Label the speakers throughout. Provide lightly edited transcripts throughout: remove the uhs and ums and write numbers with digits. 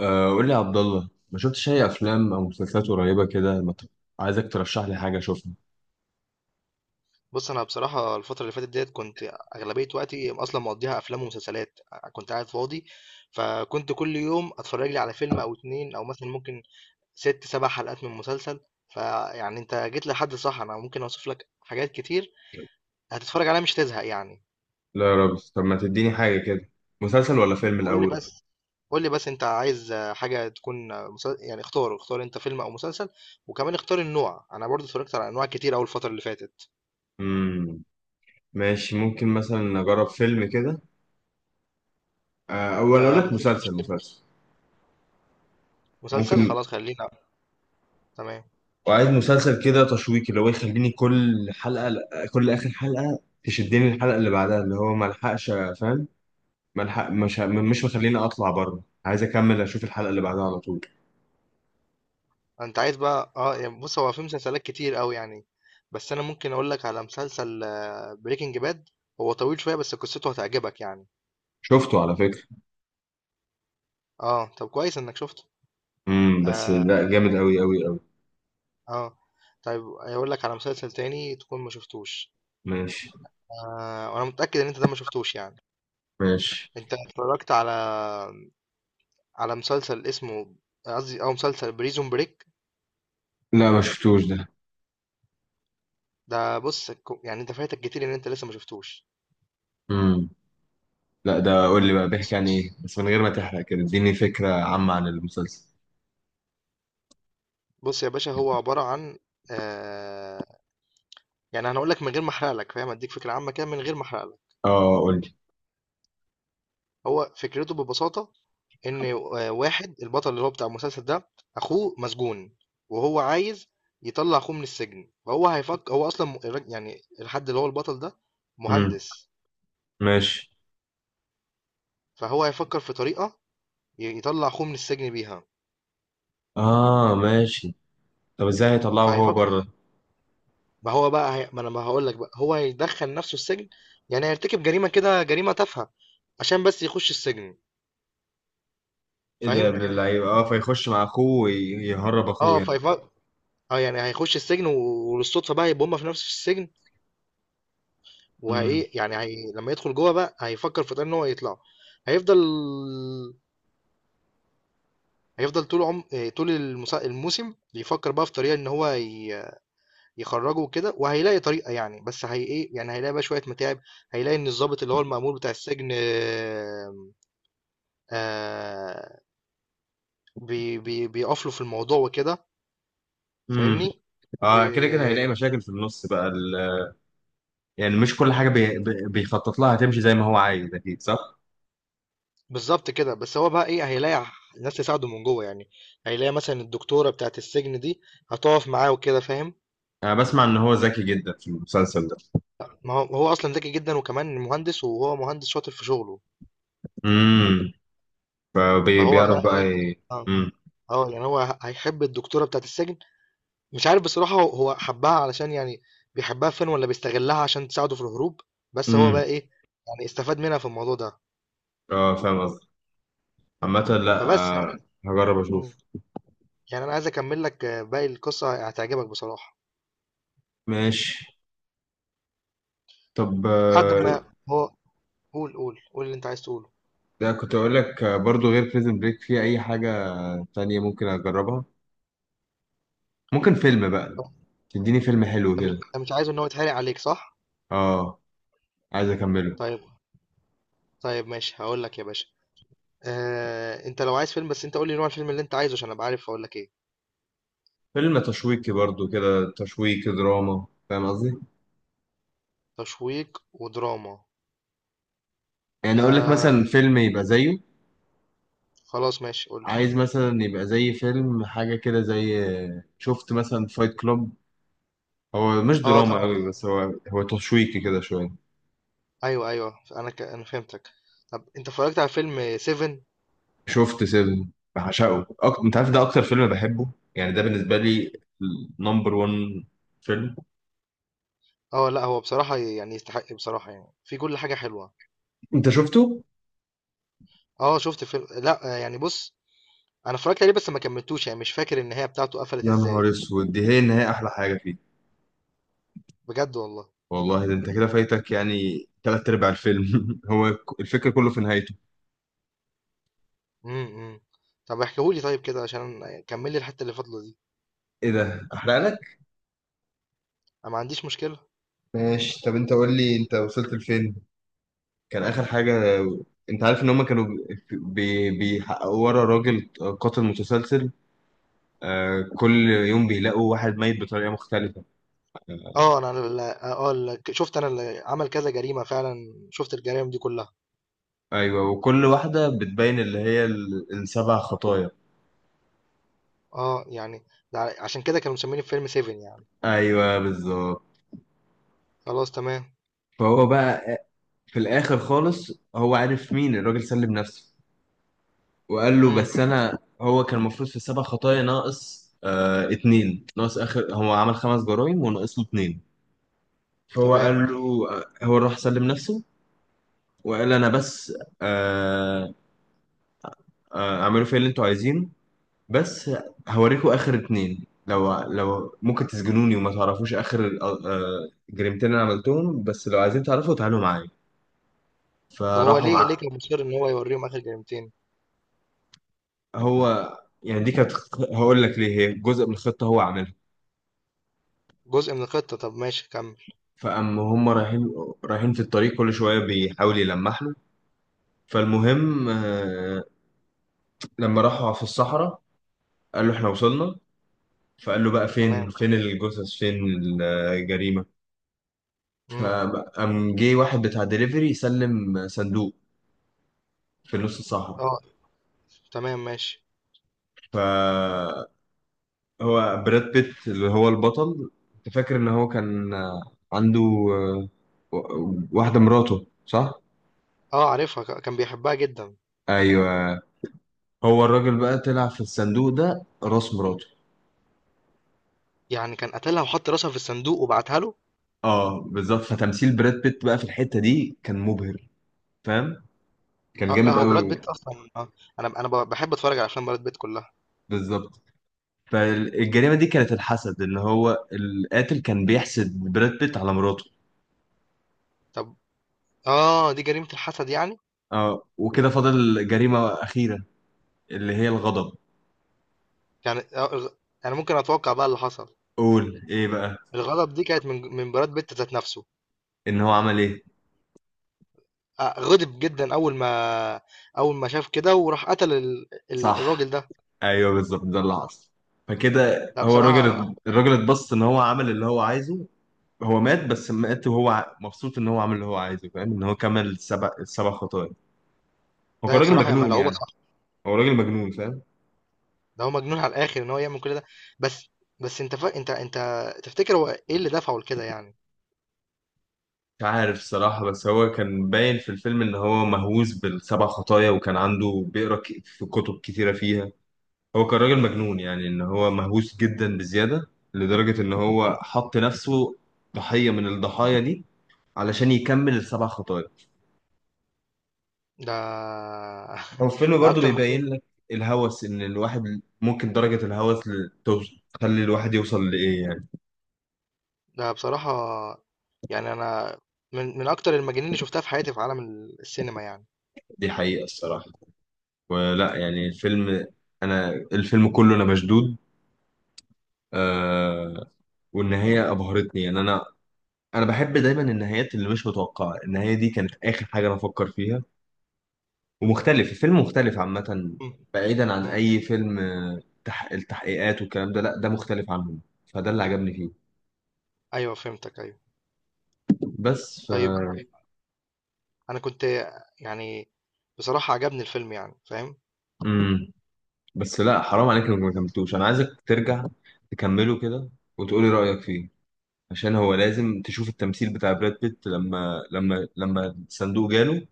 Speaker 1: قول لي يا عبد الله، ما شفتش اي افلام او مسلسلات قريبه كده. ما ت- عايزك ترشح لي حاجه اشوفها.
Speaker 2: بُص، أنا بصراحة الفترة اللي فاتت ديّة كنت أغلبية وقتي أصلًا مقضّيها أفلام ومسلسلات، كنت قاعد فاضي، فكنت كل يوم أتفرّج لي على فيلم أو 2 أو مثلًا ممكن 6، 7 حلقات من مسلسل، فيعني أنت جيت لحد صح، أنا ممكن أوصف لك حاجات كتير هتتفرّج عليها مش هتزهق يعني.
Speaker 1: لا يا رب، طب ما تديني حاجة كده. مسلسل ولا فيلم
Speaker 2: قُل لي
Speaker 1: الأول؟
Speaker 2: بس قُل لي بس أنت عايز حاجة تكون مس يعني اختار، اختار أنت فيلم أو مسلسل وكمان اختار النوع، أنا برضه اتفرّجت على أنواع كتير أوي الفترة اللي فاتت.
Speaker 1: مم. ماشي، ممكن مثلا أجرب فيلم كده. أو ولا أقول
Speaker 2: ما
Speaker 1: لك
Speaker 2: فيش
Speaker 1: مسلسل.
Speaker 2: مسلسل؟
Speaker 1: ممكن.
Speaker 2: خلاص خلّينا تمام.
Speaker 1: وعايز مسلسل كده تشويقي، اللي هو يخليني كل حلقة، كل آخر حلقة، تشدني الحلقة اللي بعدها، اللي هو ما الحقش، فاهم، ملحق، مش مخليني أطلع بره، عايز أكمل أشوف الحلقة اللي بعدها على طول.
Speaker 2: انت عايز بقى اه يعني بص هو في مسلسلات كتير قوي يعني، بس انا ممكن اقول لك على مسلسل بريكنج باد. هو طويل شويه بس قصته هتعجبك يعني.
Speaker 1: شفته على فكرة.
Speaker 2: اه طب كويس انك شفته.
Speaker 1: بس
Speaker 2: اه
Speaker 1: لا، جامد قوي قوي قوي.
Speaker 2: اه طيب اقول لك على مسلسل تاني تكون ما شفتوش.
Speaker 1: ماشي.
Speaker 2: آه وانا متاكد ان انت ده ما شفتوش يعني.
Speaker 1: ماشي.
Speaker 2: انت اتفرجت على مسلسل اسمه، قصدي او مسلسل بريزون بريك.
Speaker 1: لا، ما شفتوش ده.
Speaker 2: ده بص، يعني انت فايتك كتير ان انت لسه ما شفتوش.
Speaker 1: امم لا، ده قول لي بقى بيحكي عن ايه، بس من غير ما تحرق، كده اديني فكرة عامة عن المسلسل.
Speaker 2: بص يا باشا، هو عباره عن آه، يعني انا هقول لك من غير ما احرق لك، فاهم، اديك فكره عامه كده من غير ما احرق لك.
Speaker 1: اه قول لي.
Speaker 2: هو فكرته ببساطه ان آه، واحد البطل اللي هو بتاع المسلسل ده، اخوه مسجون وهو عايز يطلع اخوه من السجن. فهو هيفكر، هو اصلا يعني الحد اللي هو البطل ده
Speaker 1: امم
Speaker 2: مهندس.
Speaker 1: ماشي.
Speaker 2: فهو هيفكر في طريقه يطلع اخوه من السجن بيها.
Speaker 1: اه ماشي، طب ازاي هيطلعه هو
Speaker 2: فهيفكر،
Speaker 1: بره؟
Speaker 2: ما انا ما هقول لك بقى، هو هيدخل نفسه السجن، يعني هيرتكب جريمه كده، جريمه تافهه عشان بس يخش السجن.
Speaker 1: ايه ده يا
Speaker 2: فاهم.
Speaker 1: ابن اللعيبة؟ اه فيخش مع اخوه ويهرب اخوه
Speaker 2: اه
Speaker 1: يعني.
Speaker 2: فيفكر، اه يعني هيخش السجن وللصدفه بقى يبقى هما في نفس السجن. وهي
Speaker 1: امم
Speaker 2: يعني هي لما يدخل جوه بقى هيفكر في طريقة ان هو يطلع. هيفضل، هيفضل طول عم آه، طول الموسم بيفكر بقى في طريقه ان هو يخرجه وكده، وهيلاقي طريقه يعني، بس هي ايه يعني، هيلاقي بقى شويه متاعب. هيلاقي ان الضابط اللي هو المأمور بتاع السجن آه، آه، بيقف له في الموضوع وكده.
Speaker 1: امم
Speaker 2: فاهمني.
Speaker 1: اه، كده كده هيلاقي مشاكل في النص بقى يعني مش كل حاجة بيخطط لها هتمشي زي ما هو عايز، اكيد صح.
Speaker 2: بالظبط كده، بس هو بقى ايه، هيلاقي ناس تساعده من جوه يعني. هيلاقي مثلا الدكتورة بتاعة السجن دي هتقف معاه وكده، فاهم.
Speaker 1: انا بسمع ان هو ذكي جدا في المسلسل ده.
Speaker 2: ما هو اصلا ذكي جدا وكمان مهندس، وهو مهندس شاطر في شغله.
Speaker 1: امم
Speaker 2: فهو
Speaker 1: فبيعرف
Speaker 2: بقى
Speaker 1: بقى
Speaker 2: ايه، اه
Speaker 1: مم.
Speaker 2: اه يعني هو هيحب الدكتورة بتاعة السجن. مش عارف بصراحة، هو حبها علشان يعني، بيحبها فين ولا بيستغلها عشان تساعده في الهروب. بس هو
Speaker 1: مم.
Speaker 2: بقى ايه، يعني استفاد منها في الموضوع ده.
Speaker 1: اه فاهم قصدي. عامة لا
Speaker 2: فبس
Speaker 1: آه
Speaker 2: بقى.
Speaker 1: هجرب
Speaker 2: مم.
Speaker 1: اشوف.
Speaker 2: يعني انا عايز اكمل لك آه، باقي القصة هتعجبك بصراحة.
Speaker 1: ماشي. طب،
Speaker 2: بعد ما هو، قول اللي انت عايز تقوله.
Speaker 1: ده كنت اقول لك، برضو غير بريزن بريك، في اي حاجة تانية ممكن اجربها؟ ممكن فيلم بقى، تديني فيلم حلو
Speaker 2: انت مش
Speaker 1: كده.
Speaker 2: انت مش عايز ان هو يتحرق عليك صح.
Speaker 1: اه عايز اكمله.
Speaker 2: طيب طيب ماشي هقول لك يا باشا. آه، انت لو عايز فيلم بس انت قول لي نوع الفيلم اللي انت عايزه عشان ابقى عارف اقول لك ايه.
Speaker 1: فيلم تشويقي برضو كده، تشويقي دراما، فاهم قصدي.
Speaker 2: تشويق ودراما،
Speaker 1: يعني اقول لك
Speaker 2: آه،
Speaker 1: مثلا فيلم يبقى زيه.
Speaker 2: خلاص ماشي قول لي.
Speaker 1: عايز مثلا يبقى زي فيلم حاجة كده زي، شفت مثلا فايت كلوب. هو مش
Speaker 2: اه
Speaker 1: دراما
Speaker 2: طبعا،
Speaker 1: قوي، بس هو تشويقي كده شويه.
Speaker 2: ايوه انا فهمتك. طب انت اتفرجت على فيلم 7؟
Speaker 1: شفت سيفن، بعشقه أكتر. انت عارف، ده اكتر فيلم بحبه يعني. ده بالنسبه لي نمبر 1 فيلم.
Speaker 2: اه لا، هو بصراحة يعني يستحق بصراحة يعني، في كل حاجة حلوة.
Speaker 1: انت شفته؟
Speaker 2: اه شفت فيلم، لا آه، يعني بص، انا اتفرجت عليه بس ما كملتوش، يعني مش فاكر النهاية بتاعته قفلت
Speaker 1: يا
Speaker 2: ازاي.
Speaker 1: نهار اسود، دي هي النهايه احلى حاجه فيه.
Speaker 2: بجد والله.
Speaker 1: والله ده انت كده فايتك يعني تلات ارباع الفيلم. هو الفكره كله في نهايته.
Speaker 2: امم. إمم. طب احكيهولي طيب كده عشان كمل لي الحتة اللي فاضلة دي.
Speaker 1: ايه ده احرق لك.
Speaker 2: أنا ما عنديش مشكلة.
Speaker 1: ماشي، طب انت قول لي انت وصلت لفين؟ كان اخر حاجه، انت عارف ان هم كانوا بيحققوا ورا راجل قاتل متسلسل، كل يوم بيلاقوا واحد ميت بطريقة مختلفة آه،
Speaker 2: اه انا ال- اه ال- شفت انا اللي عمل كذا جريمة فعلا، شفت الجرائم دي كلها.
Speaker 1: أيوة، وكل واحدة بتبين اللي هي السبع خطايا.
Speaker 2: اه يعني ده عشان كده كانوا مسميني في فيلم سيفن يعني.
Speaker 1: أيوة بالظبط.
Speaker 2: خلاص تمام.
Speaker 1: فهو بقى، في الآخر خالص هو عارف مين الراجل، سلم نفسه وقال له:
Speaker 2: امم.
Speaker 1: بس أنا، هو كان المفروض في السبع خطايا ناقص اتنين، ناقص آخر، هو عمل خمس جرائم وناقص له اتنين. فهو قال
Speaker 2: تمام.
Speaker 1: له، هو راح سلم نفسه وقال: أنا بس، آه اعملوا فيا اللي انتوا عايزينه، بس هوريكم اخر اتنين. لو ممكن تسجنوني وما تعرفوش اخر جريمتين انا عملتهم، بس لو عايزين تعرفوا تعالوا معايا.
Speaker 2: طب هو
Speaker 1: فراحوا
Speaker 2: ليه
Speaker 1: مع.
Speaker 2: ليه كان مصر ان هو يوريهم اخر جريمتين؟
Speaker 1: هو يعني دي كانت، هقول لك ليه، هي جزء من الخطه هو عاملها.
Speaker 2: جزء من الخطة، طب ماشي كمل.
Speaker 1: فاما هم رايحين، في الطريق كل شويه بيحاول يلمح له. فالمهم، لما راحوا في الصحراء قال له: احنا وصلنا. فقال له: بقى فين،
Speaker 2: تمام.
Speaker 1: فين الجثث، فين الجريمه؟
Speaker 2: امم.
Speaker 1: فقام جه واحد بتاع دليفري يسلم صندوق في النص. صاحب،
Speaker 2: اه تمام ماشي.
Speaker 1: فهو براد بيت اللي هو البطل، انت فاكر ان هو كان عنده، آه، واحدة، مراته صح؟
Speaker 2: اه عارفها، كان بيحبها جدا.
Speaker 1: ايوه. هو الراجل بقى طلع في الصندوق ده راس مراته.
Speaker 2: يعني كان قتلها وحط راسها في الصندوق وبعتها له.
Speaker 1: اه بالظبط، فتمثيل براد بيت بقى في الحتة دي كان مبهر، فاهم؟ كان
Speaker 2: اه لا،
Speaker 1: جامد
Speaker 2: هو براد
Speaker 1: قوي.
Speaker 2: بيت اصلا آه. انا بحب اتفرج على افلام براد بيت كلها.
Speaker 1: بالظبط، فالجريمة دي كانت الحسد، اللي هو القاتل كان بيحسد براد بيت على مراته.
Speaker 2: طب اه دي جريمة الحسد يعني.
Speaker 1: اه وكده فاضل جريمة أخيرة اللي هي الغضب.
Speaker 2: يعني آه، يعني ممكن اتوقع بقى اللي حصل.
Speaker 1: قول ايه بقى؟
Speaker 2: الغضب دي كانت من براد بيت ذات نفسه.
Speaker 1: ان هو عمل ايه؟
Speaker 2: آه، غضب جدا، اول ما شاف كده، وراح قتل الراجل
Speaker 1: صح،
Speaker 2: ده.
Speaker 1: ايوه بالظبط ده اللي حصل. فكده
Speaker 2: لا
Speaker 1: هو
Speaker 2: بصراحه،
Speaker 1: الراجل، اتبسط ان هو عمل اللي هو عايزه. هو مات، بس مات وهو مبسوط ان هو عمل اللي هو عايزه، فاهم؟ ان هو كمل السبع خطايا. هو
Speaker 2: ده
Speaker 1: كان
Speaker 2: هي
Speaker 1: راجل
Speaker 2: بصراحه هي
Speaker 1: مجنون
Speaker 2: ملعوبه
Speaker 1: يعني.
Speaker 2: صح.
Speaker 1: هو راجل مجنون، فاهم.
Speaker 2: ده هو مجنون على الاخر ان هو يعمل كل ده. بس بس انت فا... انت انت تفتكر هو ايه اللي دفعه لكده يعني.
Speaker 1: مش عارف الصراحة، بس هو كان باين في الفيلم ان هو مهووس بالسبع خطايا، وكان عنده بيقرا في كتب كتيرة فيها. هو كان راجل مجنون يعني، ان هو مهووس جدا بزيادة لدرجة ان هو حط نفسه ضحية من الضحايا دي علشان يكمل السبع خطوات.
Speaker 2: ده
Speaker 1: هو الفيلم
Speaker 2: ده
Speaker 1: برضو
Speaker 2: اكتر مجنون.
Speaker 1: بيبين لك الهوس، ان الواحد ممكن درجة الهوس تخلي الواحد يوصل لإيه يعني.
Speaker 2: ده بصراحه، يعني انا من اكتر المجانين اللي شفتها في حياتي في عالم السينما يعني.
Speaker 1: دي حقيقة الصراحة، ولا يعني الفيلم. أنا الفيلم كله أنا مشدود آه والنهاية أبهرتني يعني. أنا بحب دايما النهايات اللي مش متوقعة. النهاية دي كانت آخر حاجة أنا أفكر فيها. ومختلف، الفيلم مختلف عامة،
Speaker 2: مم.
Speaker 1: بعيدا عن
Speaker 2: مم.
Speaker 1: أي فيلم، التحقيقات والكلام ده، لا ده مختلف عنهم. فده اللي عجبني فيه.
Speaker 2: ايوه فهمتك ايوه.
Speaker 1: بس
Speaker 2: طيب أنا كنت يعني، بصراحة عجبني الفيلم يعني، فاهم.
Speaker 1: مم. بس لا حرام عليك، لو ما كملتوش انا عايزك ترجع تكمله كده وتقولي رأيك فيه. عشان هو لازم تشوف التمثيل بتاع براد بيت لما الصندوق جاله،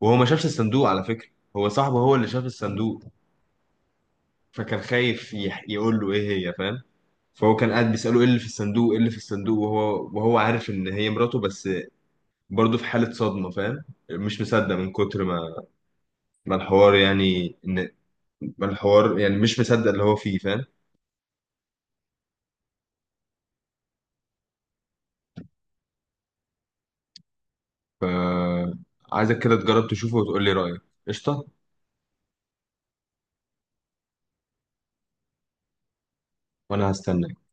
Speaker 1: وهو ما شافش الصندوق على فكرة. هو صاحبه هو اللي شاف الصندوق، فكان خايف يقول له ايه هي، فاهم؟ فهو كان قاعد بيسأله ايه اللي في الصندوق، ايه اللي في الصندوق، وهو عارف ان هي مراته، بس برضه في حالة صدمة فاهم. مش مصدق، من كتر ما الحوار يعني، ان ما الحوار يعني مش مصدق اللي هو فيه، فاهم. فعايزك كده تجرب تشوفه وتقول لي رأيك. قشطة، وأنا هستناك.